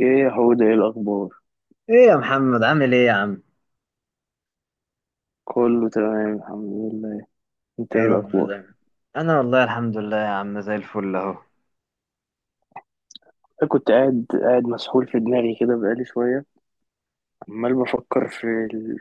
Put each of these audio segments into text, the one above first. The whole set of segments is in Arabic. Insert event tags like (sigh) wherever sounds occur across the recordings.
ايه يا حود، ايه الاخبار؟ ايه يا محمد، عامل ايه يا عم؟ كله تمام الحمد لله. انت يا ايه رب الاخبار؟ دايما. انا والله الحمد لله يا عم، زي الفل اهو. انا كنت قاعد مسحول في دماغي كده بقالي شويه. عمال بفكر في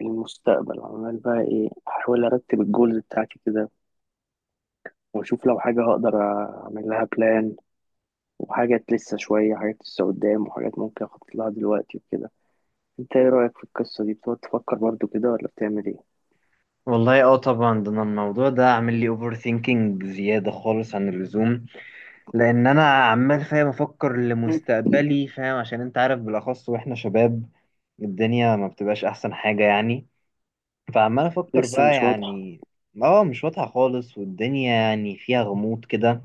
المستقبل. عمال بقى ايه، احاول ارتب الجولز بتاعتي كده، واشوف لو حاجه هقدر اعمل لها بلان، وحاجات لسه شويه، حاجات لسه قدام، وحاجات ممكن اخطط لها دلوقتي وكده. انت ايه رايك في القصه دي؟ بتقعد تفكر برضو كده ولا بتعمل ايه؟ والله اه طبعا، ده أنا الموضوع ده عامل لي اوفر ثينكينج بزياده خالص عن اللزوم. لان انا عمال فاهم افكر (laughs) (clears throat) لمستقبلي، فاهم؟ عشان انت عارف، بالاخص واحنا شباب الدنيا ما بتبقاش احسن حاجه يعني. فعمال افكر لسه بقى مش واضحه. يعني. اه، مش واضحه خالص، والدنيا يعني فيها غموض كده.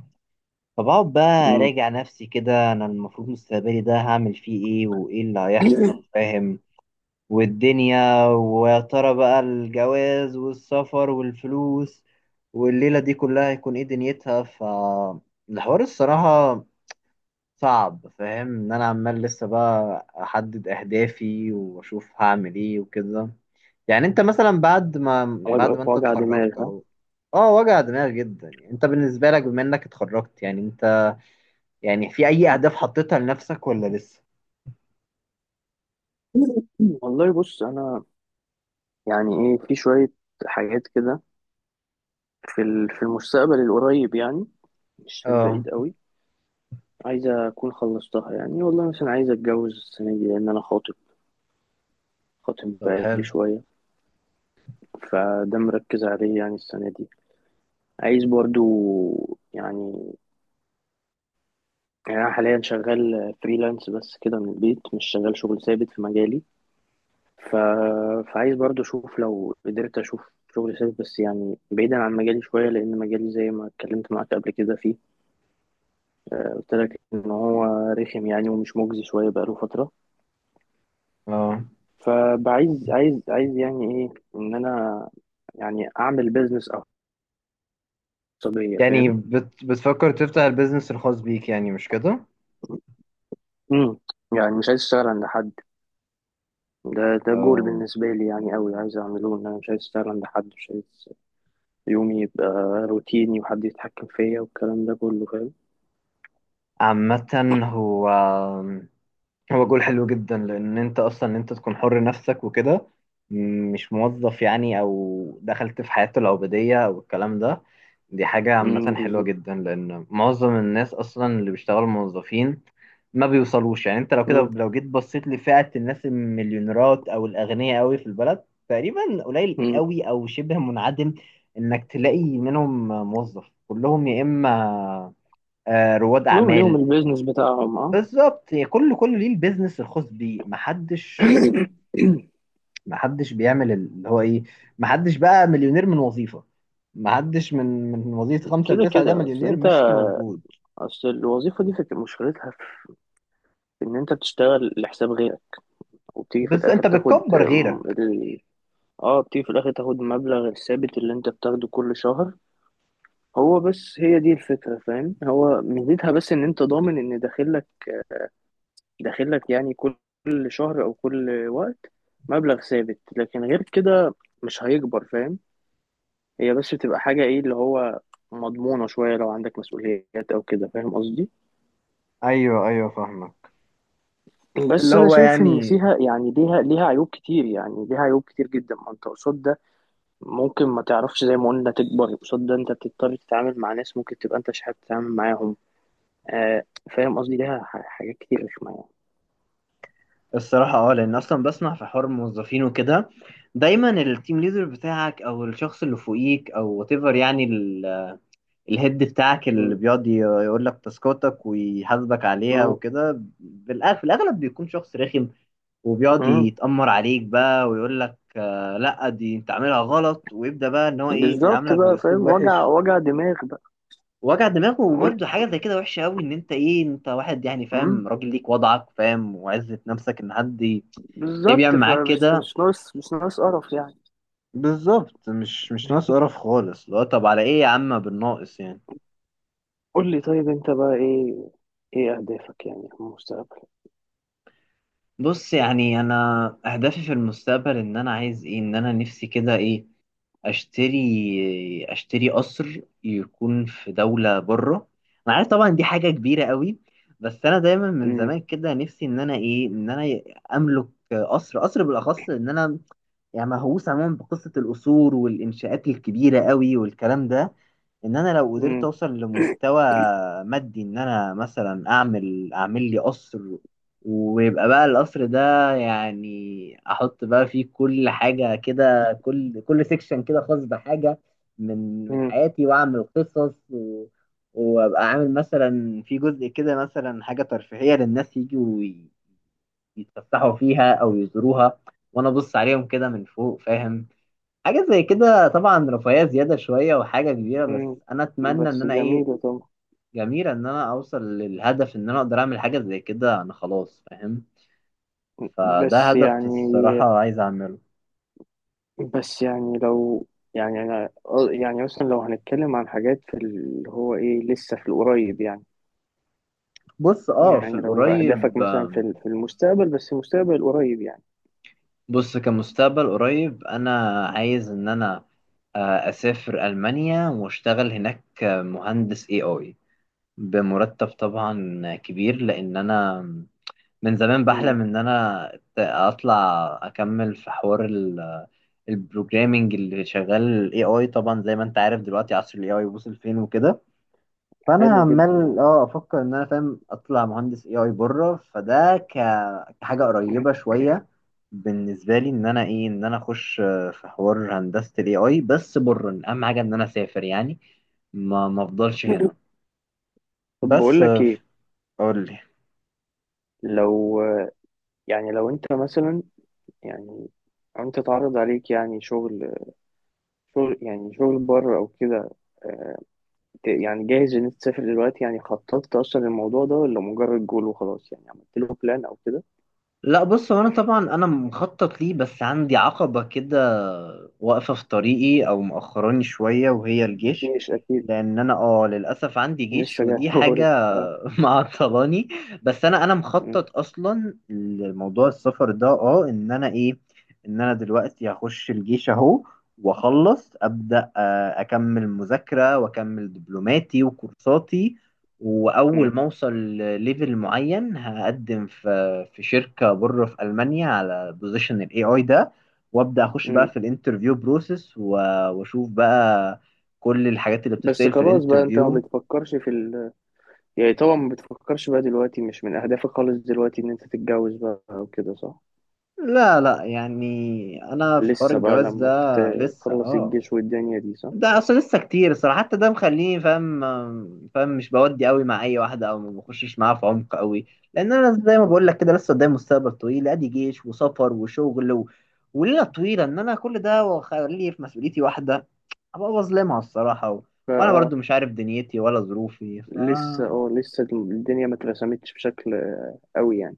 فبقعد بقى امم أراجع نفسي كده، أنا المفروض مستقبلي ده هعمل فيه إيه وإيه اللي هيحصل، (laughs) فاهم؟ والدنيا ويا ترى بقى الجواز والسفر والفلوس والليلة دي كلها هيكون إيه دنيتها. فالحوار الصراحة صعب، فاهم؟ إن أنا عمال لسه بقى أحدد أهدافي وأشوف هعمل إيه وكده. يعني أنت مثلا بعد ما وجع، بعد ما أنت وجع دماغ. اتخرجت ها، أهو. اه، وجع دماغ جدا. يعني انت بالنسبه لك بما انك اتخرجت، يعني انت يعني في اي اهداف حطيتها لنفسك ولا لسه؟ والله بص، انا يعني ايه، في شوية حاجات كده في في المستقبل القريب، يعني مش في اه، البعيد قوي، عايزة أكون خلصتها. يعني والله مثلا عايز أتجوز السنة دي، لأن أنا خاطب، خاطب طب بقالي حلو. شوية. فده مركز عليه يعني السنة دي. عايز برضو، يعني، يعني أنا حاليا شغال فريلانس بس كده من البيت، مش شغال شغل ثابت في مجالي، ف... فعايز برضو أشوف، لو قدرت أشوف شغل ثابت، بس يعني بعيدا عن مجالي شوية، لأن مجالي زي ما اتكلمت معاك قبل كده فيه، قلت لك ان هو رخم يعني ومش مجزي شويه بقاله فتره. اه، فبعايز عايز عايز يعني ايه، ان انا يعني اعمل بيزنس خاصيه، يعني فاهم؟ بتفكر تفتح البيزنس الخاص بيك يعني، مش كده؟ امم يعني مش عايز اشتغل عند حد. ده جول اه، بالنسبه لي يعني قوي، عايز اعمله، ان انا مش عايز اشتغل عند حد. مش عايز يومي يبقى روتيني، وحد يتحكم فيا والكلام ده كله، فاهم؟ عامة هو هو جول حلو جدا، لان انت اصلا ان انت تكون حر نفسك وكده. مش موظف يعني، او دخلت في حياته العبودية او الكلام ده. دي حاجة عامة امم، حلوة بالظبط. جدا، لان معظم الناس اصلا اللي بيشتغلوا موظفين ما بيوصلوش يعني. انت لو كده امم. لو جيت بصيت لفئة الناس المليونيرات او الاغنياء قوي في البلد، تقريبا قليل امم. قوي او شبه منعدم انك تلاقي منهم موظف. كلهم يا اما رواد لهم، ليهم اعمال. البيزنس بتاعهم، اه. بالظبط، هي كل ليه البيزنس الخاص بيه. محدش (coughs) محدش بيعمل اللي هو ايه. محدش بقى مليونير من وظيفة. محدش من وظيفة خمسة كده لتسعة ده كده، اصل مليونير، انت، مش موجود. اصل الوظيفه دي مشكلتها ان انت بتشتغل لحساب غيرك، وبتيجي في بس الاخر انت تاخد بتكبر غيرك. اه، بتيجي في الاخر تاخد المبلغ الثابت اللي انت بتاخده كل شهر هو بس. هي دي الفكرة، فاهم؟ هو ميزتها بس ان انت ضامن ان داخلك يعني كل، كل شهر او كل وقت مبلغ ثابت. لكن غير كده مش هيكبر، فاهم؟ هي بس بتبقى حاجة ايه اللي هو مضمونة شوية لو عندك مسؤوليات او كده، فاهم قصدي؟ ايوه، ايوه، فاهمك. اللي بس انا هو شايف ان يعني. فيها يعني ليها عيوب كتير، يعني ليها عيوب كتير جدا. ما انت قصاد ده ممكن ما تعرفش زي ما قلنا تكبر. قصاد ده انت بتضطر تتعامل مع ناس ممكن تبقى انت مش حابب تتعامل معاهم، آه. فاهم قصدي؟ ليها حاجات كتير رخمة يعني. الصراحة لأن أصلا بسمع في حوار الموظفين وكده. دايما التيم ليدر بتاعك أو الشخص اللي فوقيك أو whatever يعني، الهيد بتاعك اللي مم. بيقعد يقول لك تاسكاتك ويحاسبك عليها مم. وكده. في الاغلب بيكون شخص رخم. وبيقعد مم. يتأمر عليك بقى ويقول لك لا، دي انت عاملها غلط، ويبدأ بقى ان هو ايه بالظبط يعاملك بقى، فاهم؟ باسلوب وجع، وحش. وجع دماغ بقى. وجع دماغه، قول. وبرده حاجه زي كده وحشه قوي، ان انت ايه انت واحد يعني مم. فاهم، راجل ليك وضعك فاهم وعزه نفسك، ان حد ليه بالظبط. بيعمل معاك فبس انت كده. مش ناقص، مش ناقص قرف يعني. بالظبط، مش ناقص قرف خالص، اللي هو طب على ايه يا عم بالناقص يعني. قول لي، طيب انت بقى ايه؟ ايه اهدافك يعني في المستقبل؟ بص، يعني انا اهدافي في المستقبل ان انا عايز ايه، ان انا نفسي كده ايه، اشتري قصر يكون في دولة بره. انا عارف طبعا دي حاجة كبيرة قوي. بس انا دايما من مم. زمان كده نفسي ان انا ايه ان انا املك قصر، بالاخص ان انا يعني مهووس عموما بقصة القصور والانشاءات الكبيرة قوي والكلام ده. ان انا لو قدرت مم. اوصل لمستوى مادي، ان انا مثلا اعمل لي قصر. ويبقى بقى القصر ده يعني احط بقى فيه كل حاجة كده، كل سيكشن كده خاص بحاجة من مم. حياتي، واعمل قصص و... وابقى عامل مثلا في جزء كده مثلا حاجة ترفيهية للناس يجوا يتفسحوا فيها او يزوروها. وانا ابص عليهم كده من فوق، فاهم؟ حاجة زي كده طبعا رفاهية زيادة شوية وحاجة كبيرة، بس مم. أنا أتمنى إن بس أنا إيه، جميلة طبعا. جميلة إن أنا أوصل للهدف إن أنا أقدر أعمل حاجة زي كده أنا خلاص، فاهم؟ فده بس هدف يعني، الصراحة عايز أعمله. بس يعني لو، يعني انا، يعني مثلا لو هنتكلم عن حاجات في اللي هو ايه لسه في القريب يعني، بص، أه في يعني لو اهدافك القريب مثلا في في المستقبل، بس المستقبل القريب يعني. بص كمستقبل قريب أنا عايز إن أنا أسافر ألمانيا وأشتغل هناك مهندس AI بمرتب طبعا كبير، لأن أنا من زمان بحلم امم. إن أنا أطلع أكمل في حوار البروجرامنج اللي شغال AI. طبعا زي ما انت عارف دلوقتي عصر الAI وصل فين وكده. فانا حلو جدا، عمال اه. افكر ان انا فاهم اطلع مهندس AI بره، فده كحاجه قريبه شويه بالنسبه لي، ان انا ايه ان انا اخش في حوار هندسه الAI بس بره. اهم حاجه ان انا اسافر يعني، ما افضلش هنا. طب بس بقول لك ايه، اقول، لو، يعني لو انت مثلا، يعني أو انت تعرض عليك يعني شغل، شغل، يعني شغل بره او كده، آه، يعني جاهز ان انت تسافر دلوقتي؟ يعني خططت اصلا للموضوع ده ولا مجرد جول وخلاص؟ يعني عملت له بلان او كده؟ لا بص هو انا طبعا انا مخطط ليه، بس عندي عقبة كده واقفة في طريقي او مأخراني شوية، وهي الجيش. مش اكيد لان انا للاسف عندي جيش لسه جاي. ودي (laughs) حاجة. بقول آه. (laughs) معطلاني. بس انا م- مخطط اصلا لموضوع السفر ده، اه ان انا ايه ان انا دلوقتي هخش الجيش اهو، واخلص، ابدا اكمل مذاكرة واكمل دبلوماتي وكورساتي. م- واول ما اوصل ليفل معين هقدم في شركه بره في المانيا على بوزيشن الAI ده، وابدا اخش بقى م. في الانترفيو بروسيس، واشوف بقى كل الحاجات اللي بس بتتسال في خلاص بقى، انت ما الانترفيو. بتفكرش في يعني طبعا ما بتفكرش بقى دلوقتي، مش من اهدافك خالص دلوقتي ان انت تتجوز بقى او كده، صح؟ لا لا، يعني انا في حوار لسه بقى الجواز ده لما لسه، تخلص اه. الجيش والدنيا دي، صح؟ ده اصلا لسه كتير الصراحه، حتى ده مخليني فاهم، فاهم؟ مش بودي قوي مع اي واحده او ما بخشش معاها في عمق قوي. لان انا زي ما مم. بقول لك كده، لسه قدامي مستقبل طويل، ادي جيش وسفر وشغل و... وليله طويله، ان انا كل ده واخليه في مسؤوليتي واحده، ابقى بظلمها الصراحه و... وانا بقى برضو مش عارف دنيتي ولا ظروفي، ف لسه اه، لسه الدنيا ما اترسمتش بشكل قوي يعني.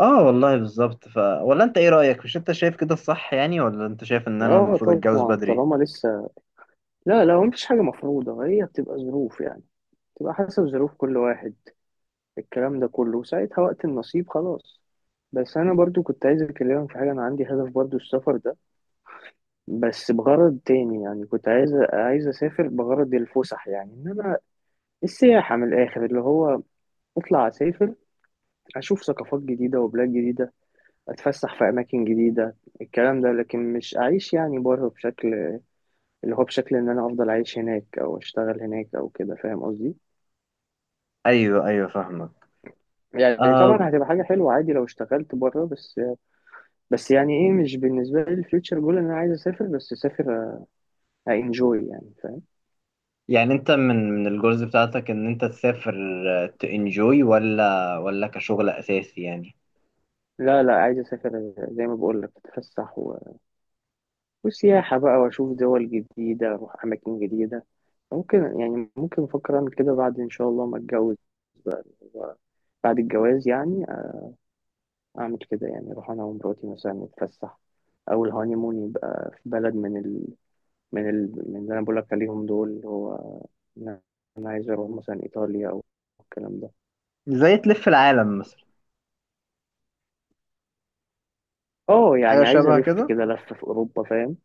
اه والله بالظبط. ف ولا انت ايه رايك؟ مش انت شايف كده الصح يعني، ولا انت شايف ان انا اه المفروض اتجوز طبعا، بدري؟ طالما لسه، لا لا، هو مفيش حاجة مفروضة، هي بتبقى ظروف يعني، بتبقى حسب ظروف كل واحد، الكلام ده كله. وساعتها وقت النصيب، خلاص. بس انا برضو كنت عايز اكلمك في حاجه، انا عندي هدف برضو السفر ده، بس بغرض تاني. يعني كنت عايز اسافر بغرض الفسح، يعني ان انا، السياحه من الاخر، اللي هو اطلع اسافر، اشوف ثقافات جديده وبلاد جديده، اتفسح في اماكن جديده، الكلام ده. لكن مش اعيش يعني بره، بشكل اللي هو بشكل ان انا افضل عايش هناك او اشتغل هناك او كده، فاهم قصدي؟ ايوه، ايوه، فاهمك. يعني آه. طبعا هتبقى حاجه حلوه عادي لو اشتغلت بره، بس بس يعني ايه، مش بالنسبة لي الفيوتشر جول ان انا عايز اسافر. بس اسافر، انجوي يعني، فاهم؟ يعني انت من الجولز بتاعتك ان انت تسافر تنجوي، ولا كشغل اساسي يعني؟ لا لا، عايز اسافر، زي ما بقول لك، اتفسح وسياحة بقى واشوف دول جديدة، اروح اماكن جديدة. ممكن يعني، ممكن افكر اعمل كده بعد ان شاء الله ما اتجوز بقى و- بعد الجواز يعني، اعمل كده يعني، اروح انا ومراتي مثلا نتفسح، او الهانيمون يبقى في بلد من من من اللي انا بقول لك عليهم دول، اللي هو انا، أنا عايز اروح مثلا ايطاليا او الكلام ده. زي تلف العالم مثلا؟ اه حاجه يعني عايز شبه الف كده. كده لفه في اوروبا، فاهم؟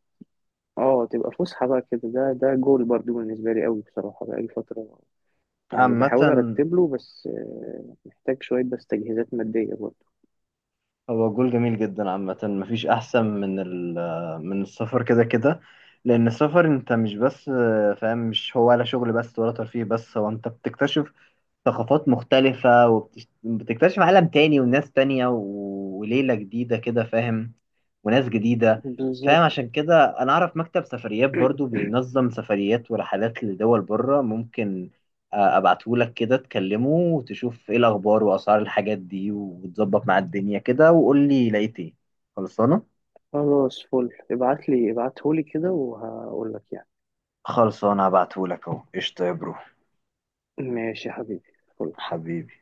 اه تبقى فسحه بقى كده. ده جول برضو بالنسبه لي قوي بصراحه بقالي فتره، يعني عامه، بحاول ارتب له، بس محتاج شويه بس تجهيزات ماديه برضو. هو الجول جميل جدا. عامة مفيش أحسن من من السفر كده كده، لأن السفر أنت مش بس فاهم، مش هو ولا شغل بس ولا ترفيه بس، هو أنت بتكتشف ثقافات مختلفة، وبتكتشف عالم تاني وناس تانية وليلة جديدة كده، فاهم؟ وناس جديدة. فاهم؟ بالظبط، عشان كده أنا أعرف مكتب سفريات برضو بينظم سفريات ورحلات لدول بره، ممكن أبعتهولك كده، تكلمه وتشوف إيه الأخبار وأسعار الحاجات دي وتظبط مع الدنيا كده، وقول لي لقيت إيه. خلصانة؟ خلاص فل، ابعته لي كده وهقول لك يعني. خلصانة، هبعتهولك أهو، قشطة يا برو. ماشي يا حبيبي، فل. حبيبي.